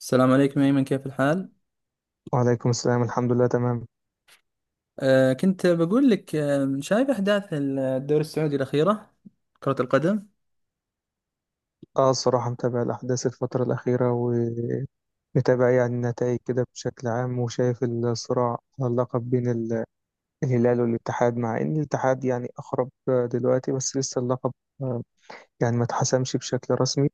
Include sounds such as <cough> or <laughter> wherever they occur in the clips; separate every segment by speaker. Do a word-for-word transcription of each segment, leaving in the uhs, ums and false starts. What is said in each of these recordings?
Speaker 1: السلام عليكم أيمن، كيف الحال؟
Speaker 2: وعليكم السلام، الحمد لله تمام.
Speaker 1: آه كنت بقول لك آه شايف أحداث الدوري السعودي الأخيرة، كرة القدم؟
Speaker 2: اه الصراحة متابع الأحداث الفترة الأخيرة، ومتابع يعني النتائج كده بشكل عام، وشايف الصراع على اللقب بين ال- الهلال والاتحاد، مع إن الاتحاد يعني أقرب آه، دلوقتي، بس لسه اللقب آه، يعني ما اتحسمش بشكل رسمي.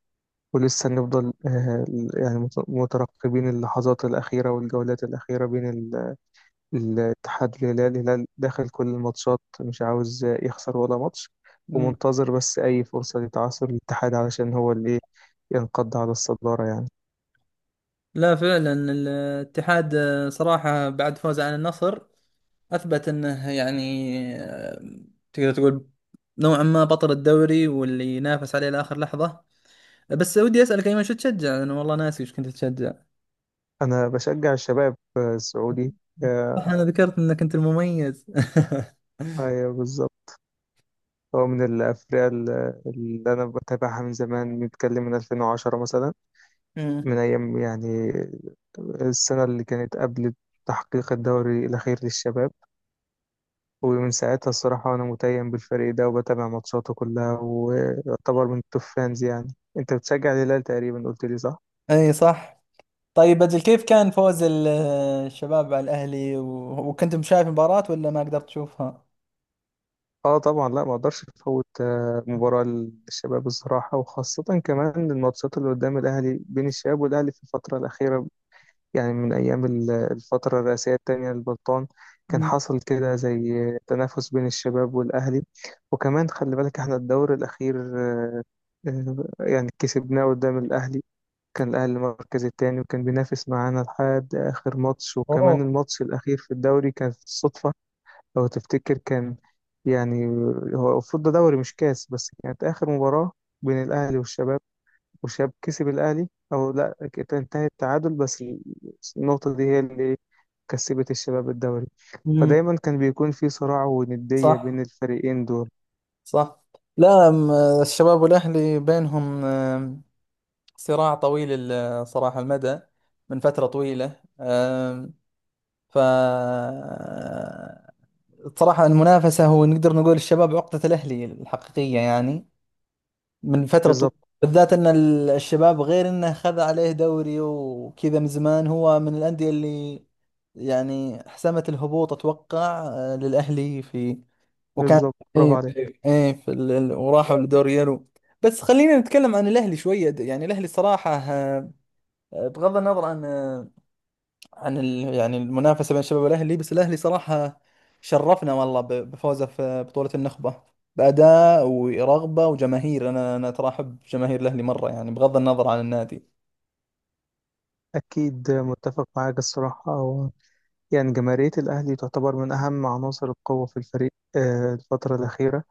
Speaker 2: ولسه نفضل آه، يعني مت- مترقبين اللحظات الأخيرة والجولات الأخيرة بين ال- الاتحاد والهلال. الهلال داخل كل الماتشات مش عاوز آه، يخسر ولا ماتش،
Speaker 1: مم.
Speaker 2: ومنتظر بس أي فرصة لتعثر الاتحاد، علشان هو اللي ينقض على الصدارة يعني.
Speaker 1: لا فعلا الاتحاد آه، صراحة بعد فوزه عن النصر أثبت أنه يعني آه، تقدر تقول نوعا ما بطل الدوري واللي ينافس عليه لآخر لحظة. بس ودي أسألك أيمن، شو تشجع؟ أنا والله ناسي وش كنت تشجع.
Speaker 2: أنا بشجع الشباب السعودي.
Speaker 1: صح،
Speaker 2: آه،
Speaker 1: أنا ذكرت أنك أنت المميز. <laughs>
Speaker 2: أيوة بالظبط. هو من الأفرقة اللي اللي أنا بتابعها من زمان، بنتكلم من ألفين وعشرة مثلا.
Speaker 1: مم.
Speaker 2: من أيام يعني السنة اللي كانت قبل تحقيق الدوري الأخير للشباب، ومن ساعتها الصراحة أنا متيم بالفريق ده وبتابع ماتشاته كلها، ويعتبر من التوب فانز. يعني أنت بتشجع الهلال تقريبا، قلت لي صح؟
Speaker 1: أي، صح. طيب أجل كيف كان فوز ال- الشباب على الأهلي و- وكنتم شايف المباراة ولا ما قدرت تشوفها؟
Speaker 2: اه طبعا. لا، ما اقدرش افوت آه، مباراة للشباب الصراحة، وخاصة كمان الماتشات اللي قدام الاهلي بين الشباب والاهلي في الفترة الاخيرة. يعني من ايام ال- الفترة الرئاسية التانية للبلطان كان
Speaker 1: مم.
Speaker 2: حصل كده زي تنافس بين الشباب والاهلي. وكمان خلي بالك، احنا الدور الاخير آه، يعني كسبناه قدام الاهلي. كان الاهلي المركز التاني وكان بينافس معانا لحد اخر ماتش،
Speaker 1: اوه.
Speaker 2: وكمان الماتش الاخير في الدوري كانت صدفة. لو تفتكر كان يعني هو المفروض ده دوري مش كاس، بس كانت آخر مباراة بين الأهلي والشباب، والشباب كسب الأهلي أو لا كانت انتهت تعادل، بس النقطة دي هي اللي كسبت الشباب الدوري.
Speaker 1: مم.
Speaker 2: فدايما كان بيكون في صراع وندية بين
Speaker 1: صح،
Speaker 2: الفريقين دول.
Speaker 1: صح. لا، م- الشباب والأهلي بينهم آم، صراع طويل ال- صراحة المدى، من فترة طويلة، آم، ف صراحة المنافسة، هو نقدر نقول الشباب عقدة الأهلي الحقيقية يعني، من فترة طويلة.
Speaker 2: بالظبط.
Speaker 1: بالذات ان ال- الشباب، غير انه خذ عليه دوري وكذا من زمان، هو من الأندية اللي يعني حسمت الهبوط اتوقع آه، للأهلي. في وكان،
Speaker 2: بالظبط برافو
Speaker 1: اي،
Speaker 2: عليك.
Speaker 1: اي، في ال... ال- وراحوا لدوري يورو. بس خلينا نتكلم عن الأهلي شوية، يعني الأهلي صراحة آه، آه، بغض النظر عن آه، عن ال... يعني المنافسة بين الشباب والأهلي. بس الأهلي صراحة شرفنا والله ب- بفوزه في بطولة النخبة، بأداء ورغبة وجماهير. أنا أنا ترى أحب جماهير الأهلي مرة، يعني بغض النظر عن النادي.
Speaker 2: أكيد متفق معاك الصراحة. أو يعني جماهيرية الأهلي تعتبر من أهم عناصر القوة في الفريق آه، الفترة الأخيرة،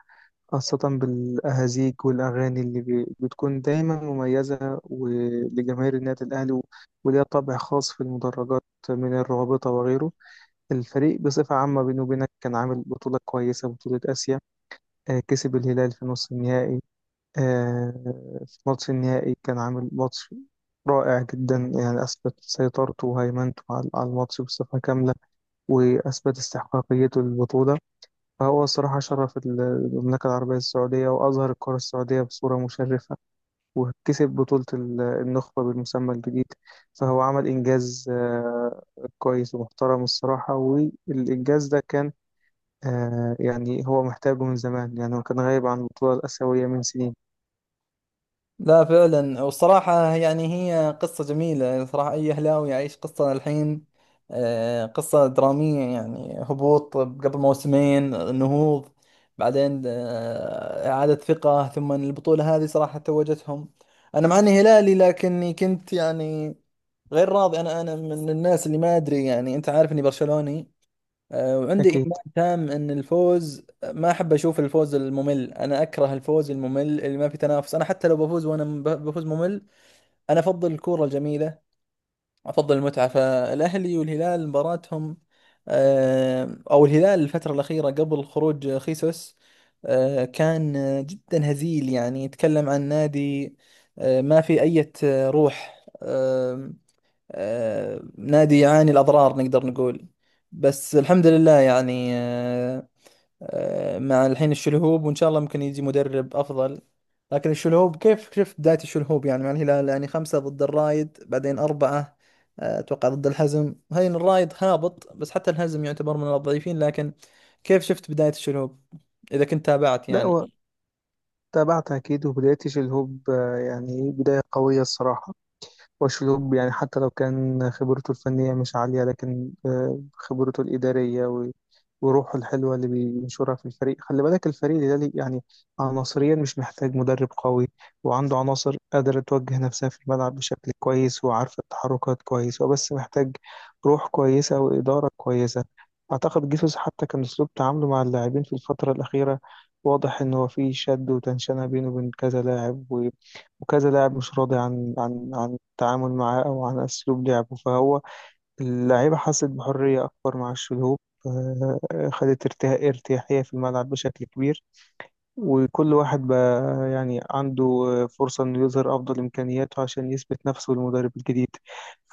Speaker 2: خاصة بالأهازيج والأغاني اللي بي- بتكون دايما مميزة، ولجماهير النادي الأهلي و- وليها طابع خاص في المدرجات، من الرابطة وغيره. الفريق بصفة عامة بينه وبينك كان عامل بطولة كويسة، بطولة آسيا، آه، كسب الهلال في نص النهائي. آه، في ماتش النهائي كان عامل ماتش رائع جدا، يعني أثبت سيطرته وهيمنته على على الماتش بصفة كاملة، وأثبت استحقاقيته للبطولة. فهو الصراحة شرف ال- المملكة العربية السعودية، وأظهر الكرة السعودية بصورة مشرفة، وكسب بطولة ال- النخبة بالمسمى الجديد. فهو عمل إنجاز آه، كويس ومحترم الصراحة، والإنجاز ده كان آه، يعني هو محتاجه من زمان، يعني هو كان غايب عن البطولة الآسيوية من سنين.
Speaker 1: لا فعلا، والصراحة يعني هي قصة جميلة صراحة، أي أهلاوي يعيش قصة الحين، آه، قصة درامية، يعني هبوط قبل موسمين، نهوض بعدين، آه، إعادة ثقة، ثم البطولة هذه صراحة توجتهم. أنا مع إني هلالي، لكني كنت يعني غير راضي. أنا أنا من الناس اللي ما أدري، يعني أنت عارف إني برشلوني، آه، وعندي
Speaker 2: أكيد.
Speaker 1: إيمان تام إن الفوز، ما أحب أشوف الفوز الممل، أنا أكره الفوز الممل اللي ما في تنافس. أنا حتى لو بفوز، وأنا م- بفوز ممل. أنا أفضل الكورة الجميلة، أفضل المتعة. فالأهلي والهلال مباراتهم، آه، أو الهلال الفترة الأخيرة قبل خروج خيسوس، آه، كان آه، جدا هزيل، يعني يتكلم عن نادي آه، ما في أي روح، آه، نادي يعاني الأضرار، نقدر نقول. بس الحمد لله يعني، آه، آه، مع الحين الشلهوب، وإن شاء الله ممكن يجي مدرب أفضل. لكن الشلهوب، كيف شفت بداية الشلهوب يعني مع الهلال؟ يعني خمسة ضد الرايد، بعدين أربعة آه، أتوقع ضد الحزم. هاي الرايد هابط، بس حتى الحزم يعتبر من الضعيفين. لكن كيف شفت بداية الشلهوب، إذا كنت تابعت
Speaker 2: لا،
Speaker 1: يعني؟
Speaker 2: هو تابعت أكيد. وبداية شيل هوب آه، يعني إيه، بداية قوية الصراحة. وأشلوب يعني حتى لو كان خبرته الفنية مش عالية، لكن آه، خبرته الإدارية و- وروحه الحلوة اللي بينشرها في الفريق. خلي بالك الفريق ده ليه- يعني عناصريا مش محتاج مدرب قوي، وعنده عناصر قادرة توجه نفسها في الملعب بشكل كويس وعارفة التحركات كويس، وبس محتاج روح كويسة وإدارة كويسة. أعتقد جيسوس حتى كان أسلوب تعامله مع اللاعبين في الفترة الأخيرة واضح إن هو في شد وتنشنة بينه وبين كذا لاعب، و- وكذا لاعب مش راضي عن عن عن التعامل معاه أو عن أسلوب لعبه. فهو اللعيبة حست بحرية أكبر مع الشلهوب، آه، خدت ارتها- ارتياحية في الملعب بشكل كبير. وكل واحد بقى يعني عنده آه، فرصة إنه يظهر أفضل إمكانياته عشان يثبت نفسه للمدرب الجديد.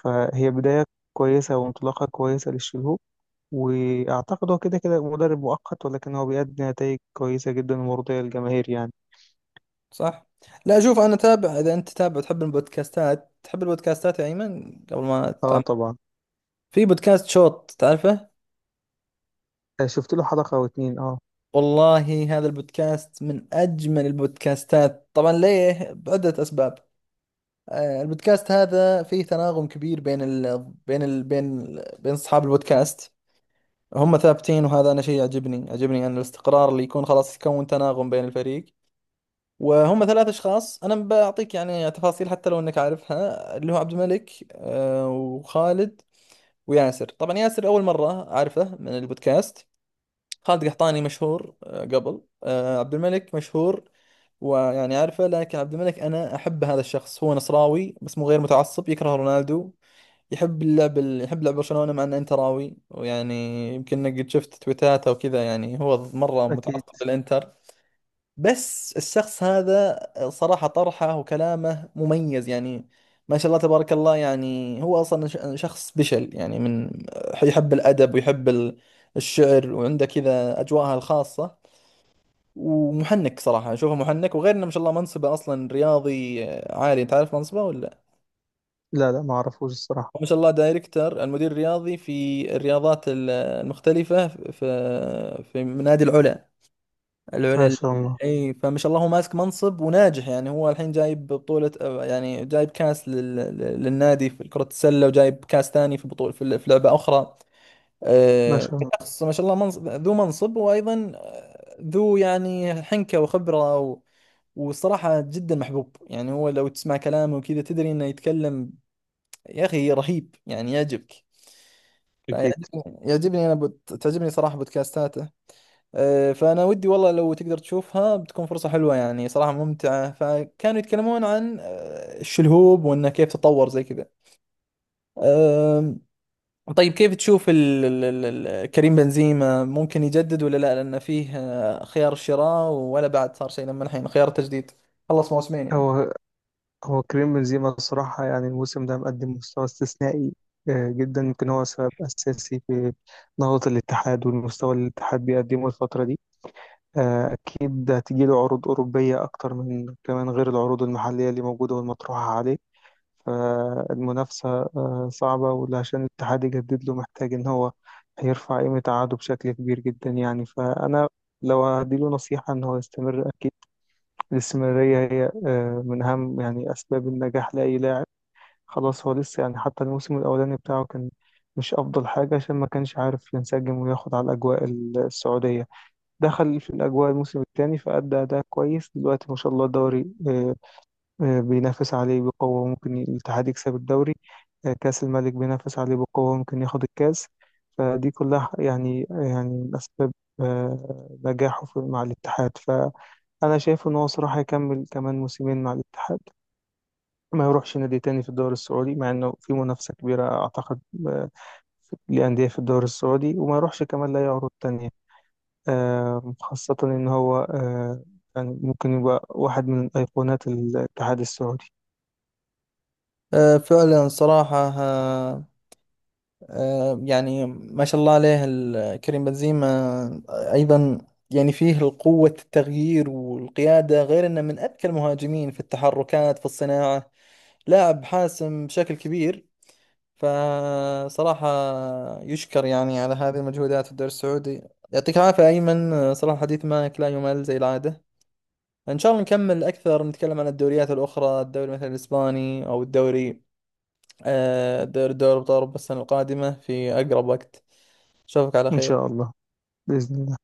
Speaker 2: فهي بداية كويسة وانطلاقة كويسة للشلهوب. وأعتقد هو كده كده مدرب مؤقت، ولكن هو بيأدي نتائج كويسة جدا ومرضية للجماهير يعني.
Speaker 1: صح. لا، شوف انا تابع. اذا انت تابع، تحب البودكاستات، تحب البودكاستات يا ايمن، قبل ما
Speaker 2: اه
Speaker 1: تعم،
Speaker 2: طبعا.
Speaker 1: في بودكاست شوت، تعرفه؟
Speaker 2: آه، شفت له حلقة أو اتنين اه.
Speaker 1: والله هذا البودكاست من اجمل البودكاستات، طبعا ليه بعدة اسباب. آه، البودكاست هذا فيه تناغم كبير بين ال... بين ال... بين ال... بين اصحاب البودكاست. هم ثابتين، وهذا انا شيء يعجبني يعجبني، ان الاستقرار اللي يكون خلاص، يكون تناغم بين الفريق. وهم ثلاث اشخاص، انا بعطيك يعني تفاصيل حتى لو انك عارفها. اللي هو عبد الملك آه، وخالد وياسر. طبعا ياسر اول مره اعرفه من البودكاست. خالد قحطاني مشهور آه، قبل، آه، عبد الملك مشهور ويعني عارفه. لكن عبد الملك، انا احب هذا الشخص. هو نصراوي بس مو غير متعصب، يكره رونالدو. يحب اللعب، يحب لعب برشلونه، مع انه انتراوي. ويعني يمكن إنك قد شفت تويتاته وكذا، يعني هو مره
Speaker 2: أكيد.
Speaker 1: متعصب للانتر. بس الشخص هذا، صراحة طرحه وكلامه مميز يعني، ما شاء الله تبارك الله. يعني هو أصلا ش- شخص بشل يعني، من يحب الأدب ويحب ال- الشعر، وعنده كذا أجواءها الخاصة. ومحنك، صراحة أشوفه محنك. وغير إنه ما شاء الله منصبه أصلا رياضي عالي. تعرف منصبه ولا؟
Speaker 2: لا لا معرفوش الصراحة.
Speaker 1: هو ما شاء الله دايركتر، المدير الرياضي في الرياضات ال- المختلفة في في في نادي العلا،
Speaker 2: ما
Speaker 1: العلا.
Speaker 2: شاء الله.
Speaker 1: اي، فما شاء الله هو ماسك منصب وناجح. يعني هو الحين جايب بطولة، يعني جايب كاس لل... للنادي في كرة السلة، وجايب كاس ثاني في بطولة في في لعبة أخرى.
Speaker 2: ما
Speaker 1: آه،
Speaker 2: شاء الله.
Speaker 1: شخص ما شاء الله منصب، ذو منصب، وأيضا آه، ذو يعني حنكة وخبرة و... والصراحة جدا محبوب. يعني هو لو تسمع كلامه وكذا، تدري انه يتكلم. يا اخي، رهيب يعني، يعجبك.
Speaker 2: أكيد.
Speaker 1: فيعجبني يعجبني، انا بوت... تعجبني صراحة بودكاستاته. آه، فأنا ودي والله لو تقدر تشوفها، بتكون فرصة حلوة يعني، صراحة ممتعة. فكانوا يتكلمون عن آه، الشلهوب، وإنه كيف تطور زي كذا. آم، طيب كيف تشوف ال- ال- ال- ال- كريم بنزيما، ممكن يجدد ولا لا؟ لأنه فيه آه، خيار الشراء، ولا بعد صار شيء لما الحين خيار التجديد، خلص موسمين يعني.
Speaker 2: هو هو كريم بنزيما الصراحة، يعني الموسم ده مقدم مستوى استثنائي آه، جدا. يمكن هو سبب أساسي في نهضة الاتحاد والمستوى اللي الاتحاد بيقدمه الفترة دي. آه، أكيد هتجيله عروض أوروبية أكتر، من كمان غير العروض المحلية اللي موجودة والمطروحة عليه. فالمنافسة آه، صعبة، وعشان الاتحاد يجدد له محتاج إن هو هيرفع قيمة عقده بشكل كبير جدا يعني. فأنا لو هديله نصيحة إن هو يستمر، أكيد الاستمرارية هي آه، من أهم يعني أسباب النجاح لأي لاعب. خلاص هو لسه يعني، حتى الموسم الأولاني بتاعه كان مش أفضل حاجة، عشان ما كانش عارف ينسجم وياخد على الأجواء السعودية. دخل في الأجواء الموسم الثاني فأدى أداء كويس. دلوقتي ما شاء الله الدوري آه، آه، بينافس عليه بقوة، ممكن الاتحاد يكسب الدوري. آه، كأس الملك بينافس عليه بقوة، ممكن ياخد الكأس. فدي كلها يعني آه، يعني من أسباب آه، نجاحه في- مع الاتحاد. ف انا شايف ان هو صراحه يكمل كمان موسمين مع الاتحاد، ما يروحش نادي تاني في الدوري السعودي، مع انه في منافسه كبيره اعتقد آه، لانديه في الدوري السعودي. وما يروحش كمان لاي عروض تانية آه، خاصه ان هو آه، يعني ممكن يبقى واحد من ايقونات الاتحاد السعودي.
Speaker 1: آه، فعلا صراحة، آه، آه، يعني ما شاء الله عليه ال- كريم بنزيما آه، أيضا، يعني فيه القوة، التغيير والقيادة، غير أنه من أذكى المهاجمين في التحركات في الصناعة. لاعب حاسم بشكل كبير. فصراحة يشكر يعني على هذه المجهودات في الدوري السعودي. يعطيك العافية أيمن، آه، صراحة الحديث معك لا يمل زي العادة. إن شاء الله نكمل أكثر، نتكلم عن الدوريات الأخرى، الدوري مثلا الإسباني، أو الدوري آه، دوري دوري أبطال أوروبا، السنة القادمة في أقرب وقت. اشوفك على
Speaker 2: ان شاء
Speaker 1: خير.
Speaker 2: الله. باذن الله.